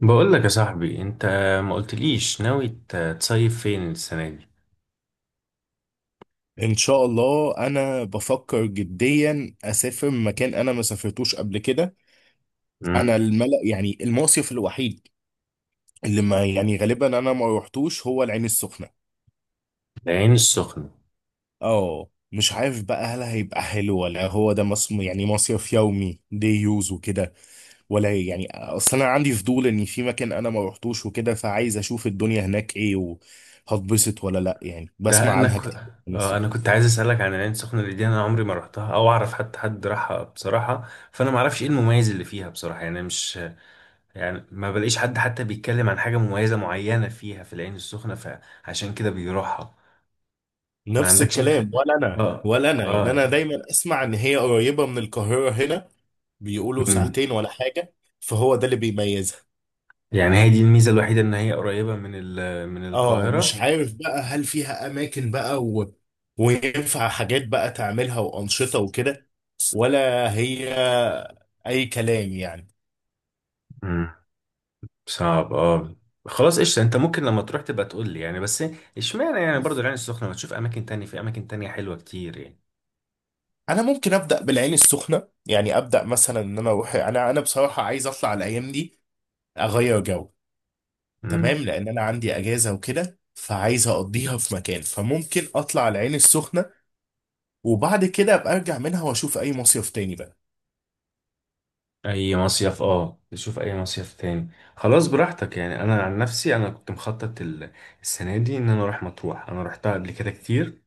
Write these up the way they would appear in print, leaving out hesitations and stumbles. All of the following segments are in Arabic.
بقول لك يا صاحبي انت ما قلتليش ناوي تصيف فين السنه دي. ان شاء الله انا بفكر جديا اسافر مكان انا ما سافرتوش قبل كده. انا امم الملأ يعني المصيف الوحيد اللي ما يعني غالبا انا ما روحتوش هو العين السخنة. العين السخنه. اه، مش عارف بقى هل هيبقى حلو ولا هو ده يعني مصيف يومي دي يوز وكده، ولا يعني اصل انا عندي فضول ان في مكان انا ما روحتوش وكده، فعايز اشوف الدنيا هناك ايه وهتبسط ولا لا، يعني ده بسمع انا عنها ك... كتير من آه انا كنت السخنة. عايز اسالك عن العين السخنه اللي دي، انا عمري ما رحتها او اعرف حتى حد راحها بصراحه، فانا ما اعرفش ايه المميز اللي فيها بصراحه، يعني مش يعني ما بلاقيش حد حتى بيتكلم عن حاجه مميزه معينه فيها في العين السخنه فعشان كده بيروحها. ما نفس عندكش انت؟ الكلام، ولا انا اه، ولا انا، يعني انا اه. دايما اسمع ان هي قريبه من القاهره هنا. بيقولوا امم ساعتين ولا حاجه، فهو ده اللي بيميزها. يعني هي دي الميزه الوحيده، ان هي قريبه من من اه، مش القاهره. عارف بقى هل فيها اماكن بقى وينفع حاجات بقى تعملها وانشطه وكده، ولا هي اي كلام يعني. صعب، اه. خلاص قشطة، انت ممكن لما تروح تبقى تقول لي يعني، بس اشمعنى يعني برضو العين السخنة؟ ما تشوف اماكن تانية، في اماكن تانية حلوة كتير يعني. انا ممكن ابدا بالعين السخنه، يعني ابدا مثلا ان انا اروح، انا بصراحه عايز اطلع الايام دي، اغير جو. تمام، امم. لان انا عندي اجازه وكده فعايز اقضيها في مكان، فممكن اطلع العين السخنه وبعد كده ابقى ارجع منها واشوف اي مصيف تاني بقى. اي مصيف، اه، تشوف اي مصيف تاني. خلاص براحتك يعني، انا عن نفسي انا كنت مخطط السنة دي ان انا اروح مطروح، انا روحتها قبل كده كتير.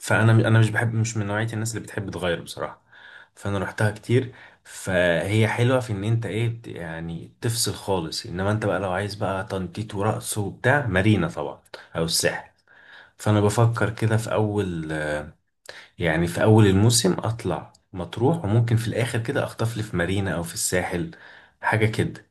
فانا مش بحب، مش من نوعيه الناس اللي بتحب تغير بصراحه، فانا رحتها كتير. فهي حلوه في ان انت ايه يعني تفصل خالص، انما انت بقى لو عايز بقى تنطيط ورقص وبتاع مارينا طبعا او الساحل. فانا بفكر كده في اول، يعني في اول الموسم اطلع مطروح، وممكن في الاخر كده اخطف لي في مارينا او في الساحل حاجه كده.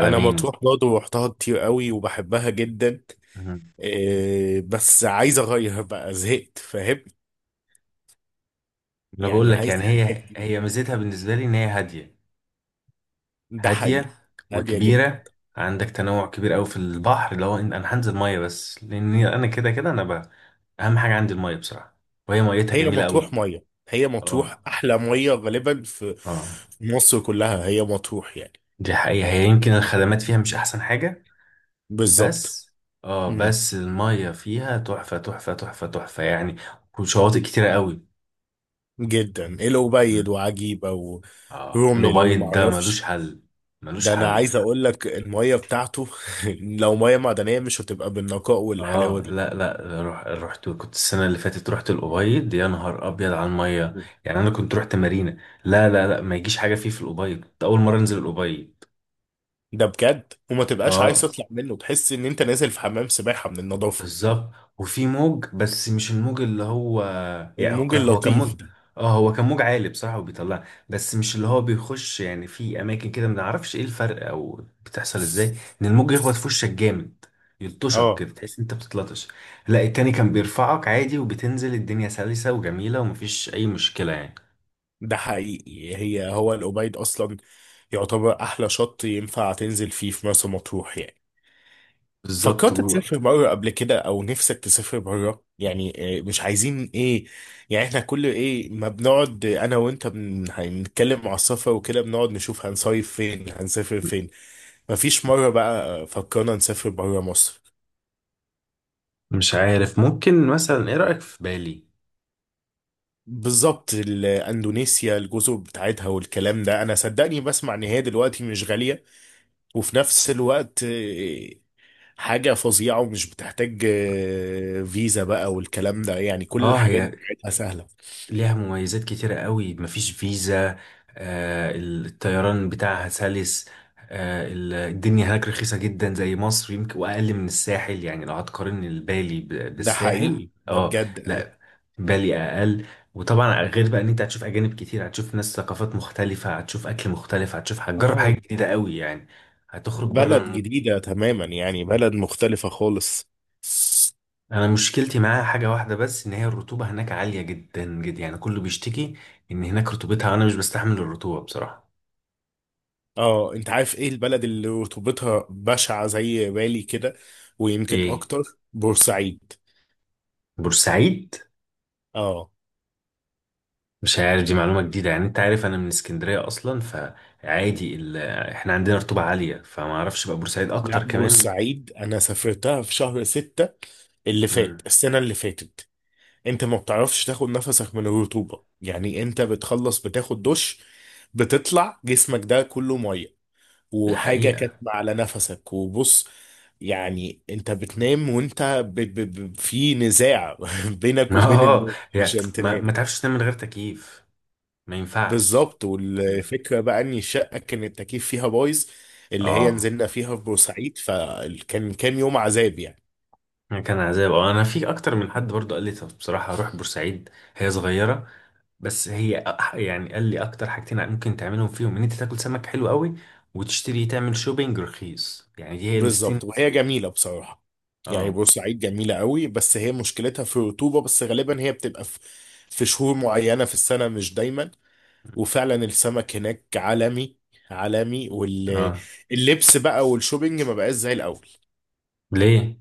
انا مطروح برضه رحتها كتير قوي وبحبها جدا. مهم. إيه بس عايز اغير بقى، زهقت فاهم، انا بقول يعني لك عايز يعني، حاجه هي جديده. هي ميزتها بالنسبه لي ان هي هاديه، ده هادية حقيقي. هاديه جدا. وكبيرة. عندك تنوع كبير قوي في البحر، اللي هو إن انا هنزل مية، بس لان انا كده كده انا بقى اهم حاجة عندي المية بصراحة، وهي ميتها هي جميلة مطروح قوي. ميه، هي اه، مطروح احلى ميه غالبا في اه. في مصر كلها، هي مطروح يعني. دي حقيقة، هي يمكن الخدمات فيها مش احسن حاجة بالظبط. بس، اه، بس المية فيها تحفة تحفة تحفة تحفة يعني، وشواطئ كتيرة قوي. جدا الأبيض مم. وعجيبة اه، ورومل الأبيض ده ملوش ومعرفش. حل، ملوش ده أنا حل. عايز أقول لك المية بتاعته لو مية معدنية مش هتبقى بالنقاء والحلاوة اه، دي. لا لا، روح، رحت، كنت السنه اللي فاتت رحت الابيض، يا نهار ابيض على الميه. يعني انا كنت رحت مارينا، لا لا لا، ما يجيش حاجه فيه، في الابيض كنت اول مره انزل الابيض. ده بجد، وما تبقاش عايز اه، تطلع منه، تحس إن أنت نازل في حمام سباحة من النظافة. بالظبط. وفي موج بس مش الموج اللي هو، يعني هو الموج كان، هو كان اللطيف موج، ده. اه هو كان موج عالي بصراحة وبيطلع، بس مش اللي هو بيخش يعني. في اماكن كده ما نعرفش ايه الفرق او بتحصل ازاي ان الموج يخبط في وشك جامد، يلطشك اه. كده، تحس انت بتتلطش. لا التاني كان بيرفعك عادي وبتنزل الدنيا سلسة وجميلة ومفيش اي مشكلة يعني. ده حقيقي، هي هو الأبيض أصلا يعتبر أحلى شط ينفع تنزل فيه في مرسى مطروح يعني. بالظبط. فكرت تسافر بره قبل كده او نفسك تسافر بره يعني؟ آه، مش عايزين ايه، يعني احنا كل ايه ما بنقعد آه، انا وانت هنتكلم على السفر وكده بنقعد نشوف هنصيف فين هنسافر فين. مفيش مرة بقى آه، فكرنا نسافر بره مصر؟ مش عارف، ممكن مثلا ايه رأيك في بالي؟ بالظبط. اندونيسيا الجزر بتاعتها والكلام ده، انا صدقني بسمع ان هي دلوقتي مش غالية، وفي نفس الوقت آه، حاجة فظيعة، ومش بتحتاج آه، فيزا بقى والكلام ده، يعني كل اه الحاجات هي بتاعتها سهلة. ليها مميزات كتيرة قوي، مفيش فيزا، الطيران بتاعها سلس، الدنيا هناك رخيصة جدا زي مصر يمكن، وأقل من الساحل يعني لو هتقارن البالي ده بالساحل. حقيقي ده اه بجد اي. لا، بالي أقل. وطبعا غير بقى ان انت هتشوف اجانب كتير، هتشوف ناس ثقافات مختلفة، هتشوف اكل مختلف، هتشوف، هتجرب اه. حاجة جديدة قوي يعني، هتخرج بره بلد المود. جديدة تماما، يعني بلد مختلفة خالص. انا مشكلتي معاها حاجة واحدة بس، ان هي الرطوبة هناك عالية جدا جدا يعني، كله بيشتكي ان هناك رطوبتها، انا مش بستحمل الرطوبة بصراحة. اه، انت عارف ايه البلد اللي رطوبتها بشعة زي بالي كده، ويمكن ايه؟ اكتر؟ بورسعيد. بورسعيد؟ اه. مش عارف، دي معلومة جديدة يعني، انت عارف انا من اسكندرية اصلا فعادي احنا عندنا رطوبة عالية، فما اعرفش بقى بورسعيد لا اكتر كمان. بورسعيد انا سافرتها في شهر ستة اللي فات، امم. السنة اللي فاتت. انت ما بتعرفش تاخد نفسك من الرطوبة، يعني انت بتخلص بتاخد دش، بتطلع جسمك ده كله مية، دي وحاجة حقيقة. كاتمة على نفسك وبص. يعني انت بتنام وانت في نزاع بينك وبين اه. النوم، مش يعني ما, هتنام. ما تعرفش تنام من غير تكييف، ما ينفعش، بالظبط، ما ينفع. والفكرة بقى ان الشقة كان التكييف فيها بايظ، اللي هي اه. نزلنا فيها في بورسعيد، فكان يوم عذاب يعني. يعني كان عذاب، اه، انا في اكتر من حد برضه قال لي طب بصراحة روح بورسعيد، هي صغيرة، بس هي يعني قال لي اكتر حاجتين ممكن تعملهم فيهم، ان انت تاكل سمك حلو قوي، وتشتري، تعمل شوبينج رخيص، يعني دي هي المستين. بالظبط، وهي جميلة بصراحة، يعني اه، بورسعيد جميلة قوي، بس هي مشكلتها في الرطوبة بس، غالبا هي بتبقى في في شهور معينة في السنة، مش دايما. وفعلا السمك هناك عالمي، عالمي. اه. واللبس بقى والشوبينج ما بقاش زي الاول. ليه؟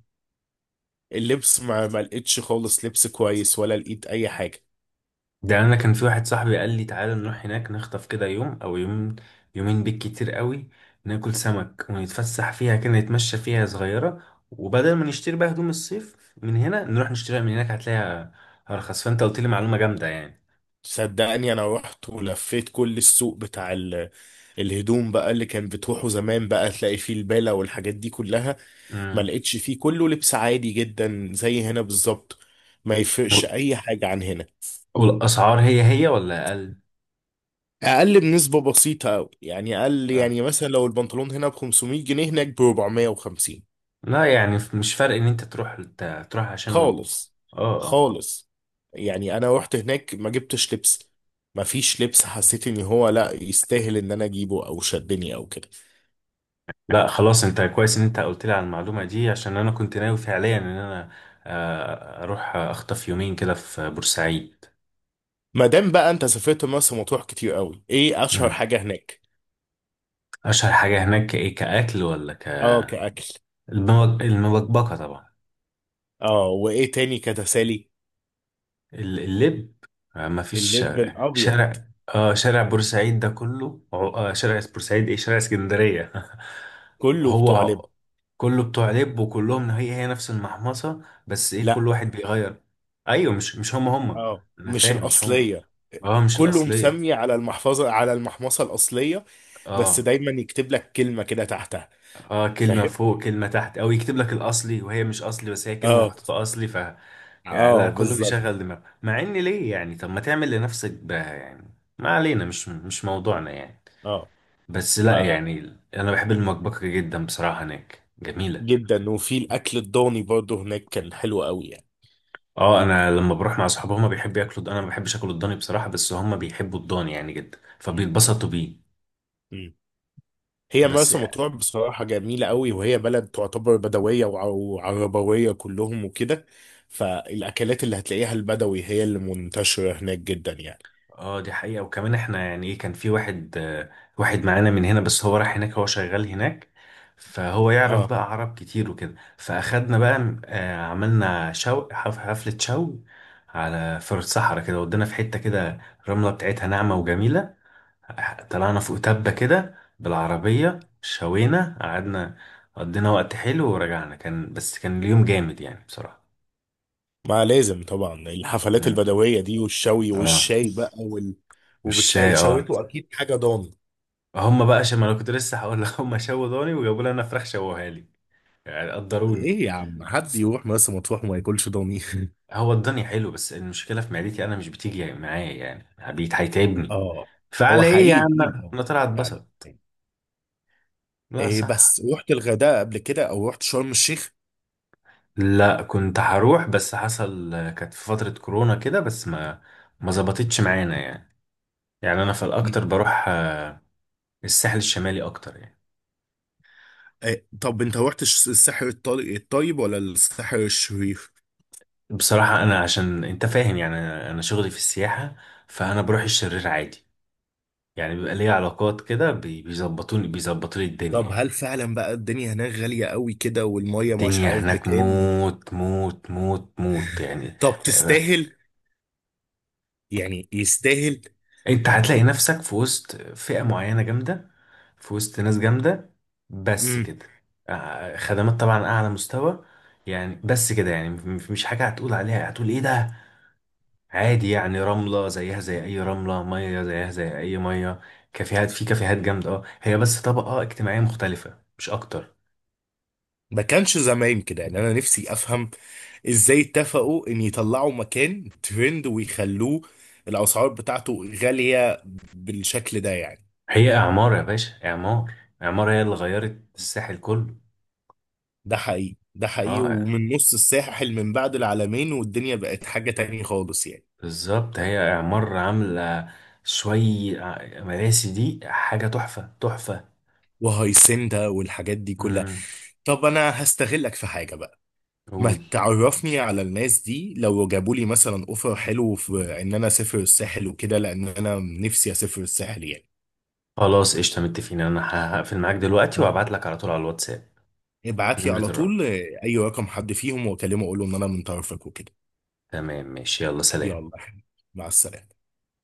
اللبس ما لقيتش خالص لبس كويس، ولا لقيت اي حاجه. ده انا كان في واحد صاحبي قال لي تعالى نروح هناك نخطف كده يوم او يوم، يومين بالكتير قوي، ناكل سمك ونتفسح فيها، كده نتمشى فيها صغيرة، وبدل ما نشتري بقى هدوم الصيف من هنا نروح نشتريها من هناك، هتلاقيها ارخص، فانت قلت لي معلومة جامدة يعني. صدقني انا رحت ولفيت كل السوق بتاع الهدوم بقى اللي كان بتروحوا زمان بقى تلاقي فيه البالة والحاجات دي كلها. ما امم. لقيتش فيه، كله لبس عادي جدا زي هنا بالظبط، ما يفرقش اي حاجه عن هنا. والاسعار هي هي ولا اقل؟ اقل بنسبه بسيطه قوي، يعني اقل، اه يعني مثلا لو البنطلون هنا ب 500 جنيه، هناك ب 450. لا، يعني مش فرق ان انت تروح، تروح عشانه. خالص. اه، اه. خالص، يعني انا رحت هناك ما جبتش لبس، ما فيش لبس، حسيت ان هو لا يستاهل ان انا اجيبه او شدني او كده. لا خلاص، انت كويس ان انت قلت لي على المعلومة دي، عشان انا كنت ناوي فعليا ان انا اروح اخطف يومين كده في بورسعيد. ما دام بقى انت سافرت مرسى مطروح كتير قوي، ايه اشهر مم. حاجه هناك؟ اشهر حاجة هناك ايه كأكل ولا ك؟ اه كاكل؟ المبكبكة طبعا. اه، وايه تاني كتسالي؟ اللب، ما فيش اللب شارع الابيض. شارع، اه شارع بورسعيد ده كله شارع بورسعيد، ايه شارع اسكندرية. كله بتوع لب. هو كله بتوع لب، وكلهم هي هي نفس المحمصة، بس ايه كل لا. واحد بيغير. ايوه، مش هم هم، اه انا مش فاهم مش هم، الاصليه. اه مش كله الاصلية. مسمي على المحفظه، على المحمصه الاصليه، بس اه، دايما يكتب لك كلمة كده تحتها. اه، كلمة فاهم. فوق كلمة تحت، او يكتب لك الاصلي وهي مش اصلي، بس هي كلمة اه. محطوطة اصلي، ف يعني لا اه كله بالظبط. بيشغل دماغه، مع ان ليه يعني؟ طب ما تعمل لنفسك بها يعني. ما علينا، مش موضوعنا يعني. اه. بس لا يعني، انا بحب المكبكة جدا بصراحة، هناك جميلة. فجدا، وفي الاكل الضاني برضه هناك كان حلو قوي يعني. اه، انا لما بروح مع اصحابي هما بيحبوا ياكلوا، انا ما بحبش اكل الضاني بصراحة، بس هما بيحبوا الضاني يعني جدا، مم. فبيتبسطوا بيه. مم. هي بس، مرسى مطروح بصراحة جميلة قوي، وهي بلد تعتبر بدوية وعربوية كلهم وكده، فالاكلات اللي هتلاقيها البدوي هي اللي منتشرة هناك جدا يعني. اه، دي حقيقة. وكمان احنا يعني ايه، كان في واحد، واحد معانا من هنا بس هو راح هناك، هو شغال هناك، فهو يعرف اه، بقى عرب كتير وكده، فاخدنا بقى، عملنا شو، حفلة شو على، في الصحراء كده، ودينا في حتة كده الرملة بتاعتها ناعمة وجميلة، طلعنا فوق تبة كده بالعربية، شوينا، قعدنا، قضينا وقت حلو ورجعنا، كان بس كان اليوم جامد يعني بصراحة. ما لازم طبعا الحفلات اه. البدوية دي والشوي آه. والشاي بقى وال... مش، وبتلاقي اه، شويته اكيد حاجة ضاني. هم بقى شم، انا كنت لسه هقول لك، هم شووا ضاني وجابوا لي انا فراخ شووها لي، يعني قدروني. ايه يا عم، حد يروح مرسى مطروح وما ياكلش ضاني؟ هو الضاني حلو، بس المشكله في معدتي، انا مش بتيجي معايا يعني، بيت هيتعبني اه. هو فعلى ايه يا حقيقي عم. تقيل انا قوي. طلعت فعلا. اتبسط. لا إيه صح. بس رحت الغردقه قبل كده او رحت شرم الشيخ؟ لا كنت هروح بس حصل كانت في فتره كورونا كده بس ما، ما ظبطتش معانا يعني. يعني انا في مم. الاكتر بروح، الساحل الشمالي اكتر يعني. إيه، طب انت رحت الساحر الطيب ولا الساحر الشرير؟ بصراحه انا، عشان انت فاهم يعني، انا شغلي في السياحه، فانا بروح الشرير عادي، يعني بيبقى ليا علاقات كده بيظبطوني، بيظبطوا لي الدنيا طب هل يعني. فعلا بقى الدنيا هناك غاليه قوي كده، والميه مش الدنيا عارف هناك بكام؟ موت موت موت موت يعني. طب آه، تستاهل؟ يعني يستاهل؟ انت هتلاقي نفسك في وسط فئة معينة جامدة، في وسط ناس جامدة، بس كده. خدمات طبعا أعلى مستوى يعني، بس كده يعني، مش حاجة هتقول عليها هتقول إيه ده، عادي يعني، رملة زيها زي أي رملة، مية زيها زي أي مية، كافيهات في كافيهات جامدة، اه، هي بس طبقة اجتماعية مختلفة مش أكتر. ما كانش زمان كده، يعني انا نفسي افهم ازاي اتفقوا ان يطلعوا مكان ترند ويخلوه الاسعار بتاعته غالية بالشكل ده يعني. هي اعمار يا باشا، اعمار، اعمار هي اللي غيرت الساحل كله. ده حقيقي ده حقيقي، اه ومن نص الساحل من بعد العالمين، والدنيا بقت حاجة تانية خالص يعني. بالظبط، هي اعمار عامله شوي، مراسي دي حاجه تحفه تحفه. وهيسندا والحاجات دي كلها. امم. طب انا هستغلك في حاجة بقى. ما قول. تعرفني على الناس دي، لو جابوا لي مثلا اوفر حلو في ان انا اسافر الساحل وكده، لان انا نفسي اسافر الساحل يعني. خلاص قشطه، متفقين، انا هقفل معاك دلوقتي اه. وابعت لك على طول على الواتساب. ابعت لي نمره على طول الراجل. آه، اي رقم حد فيهم واكلمه اقول له ان انا من طرفك وكده. تمام، ماشي، يلا سلام. يلا يا حبيبي، مع السلامة.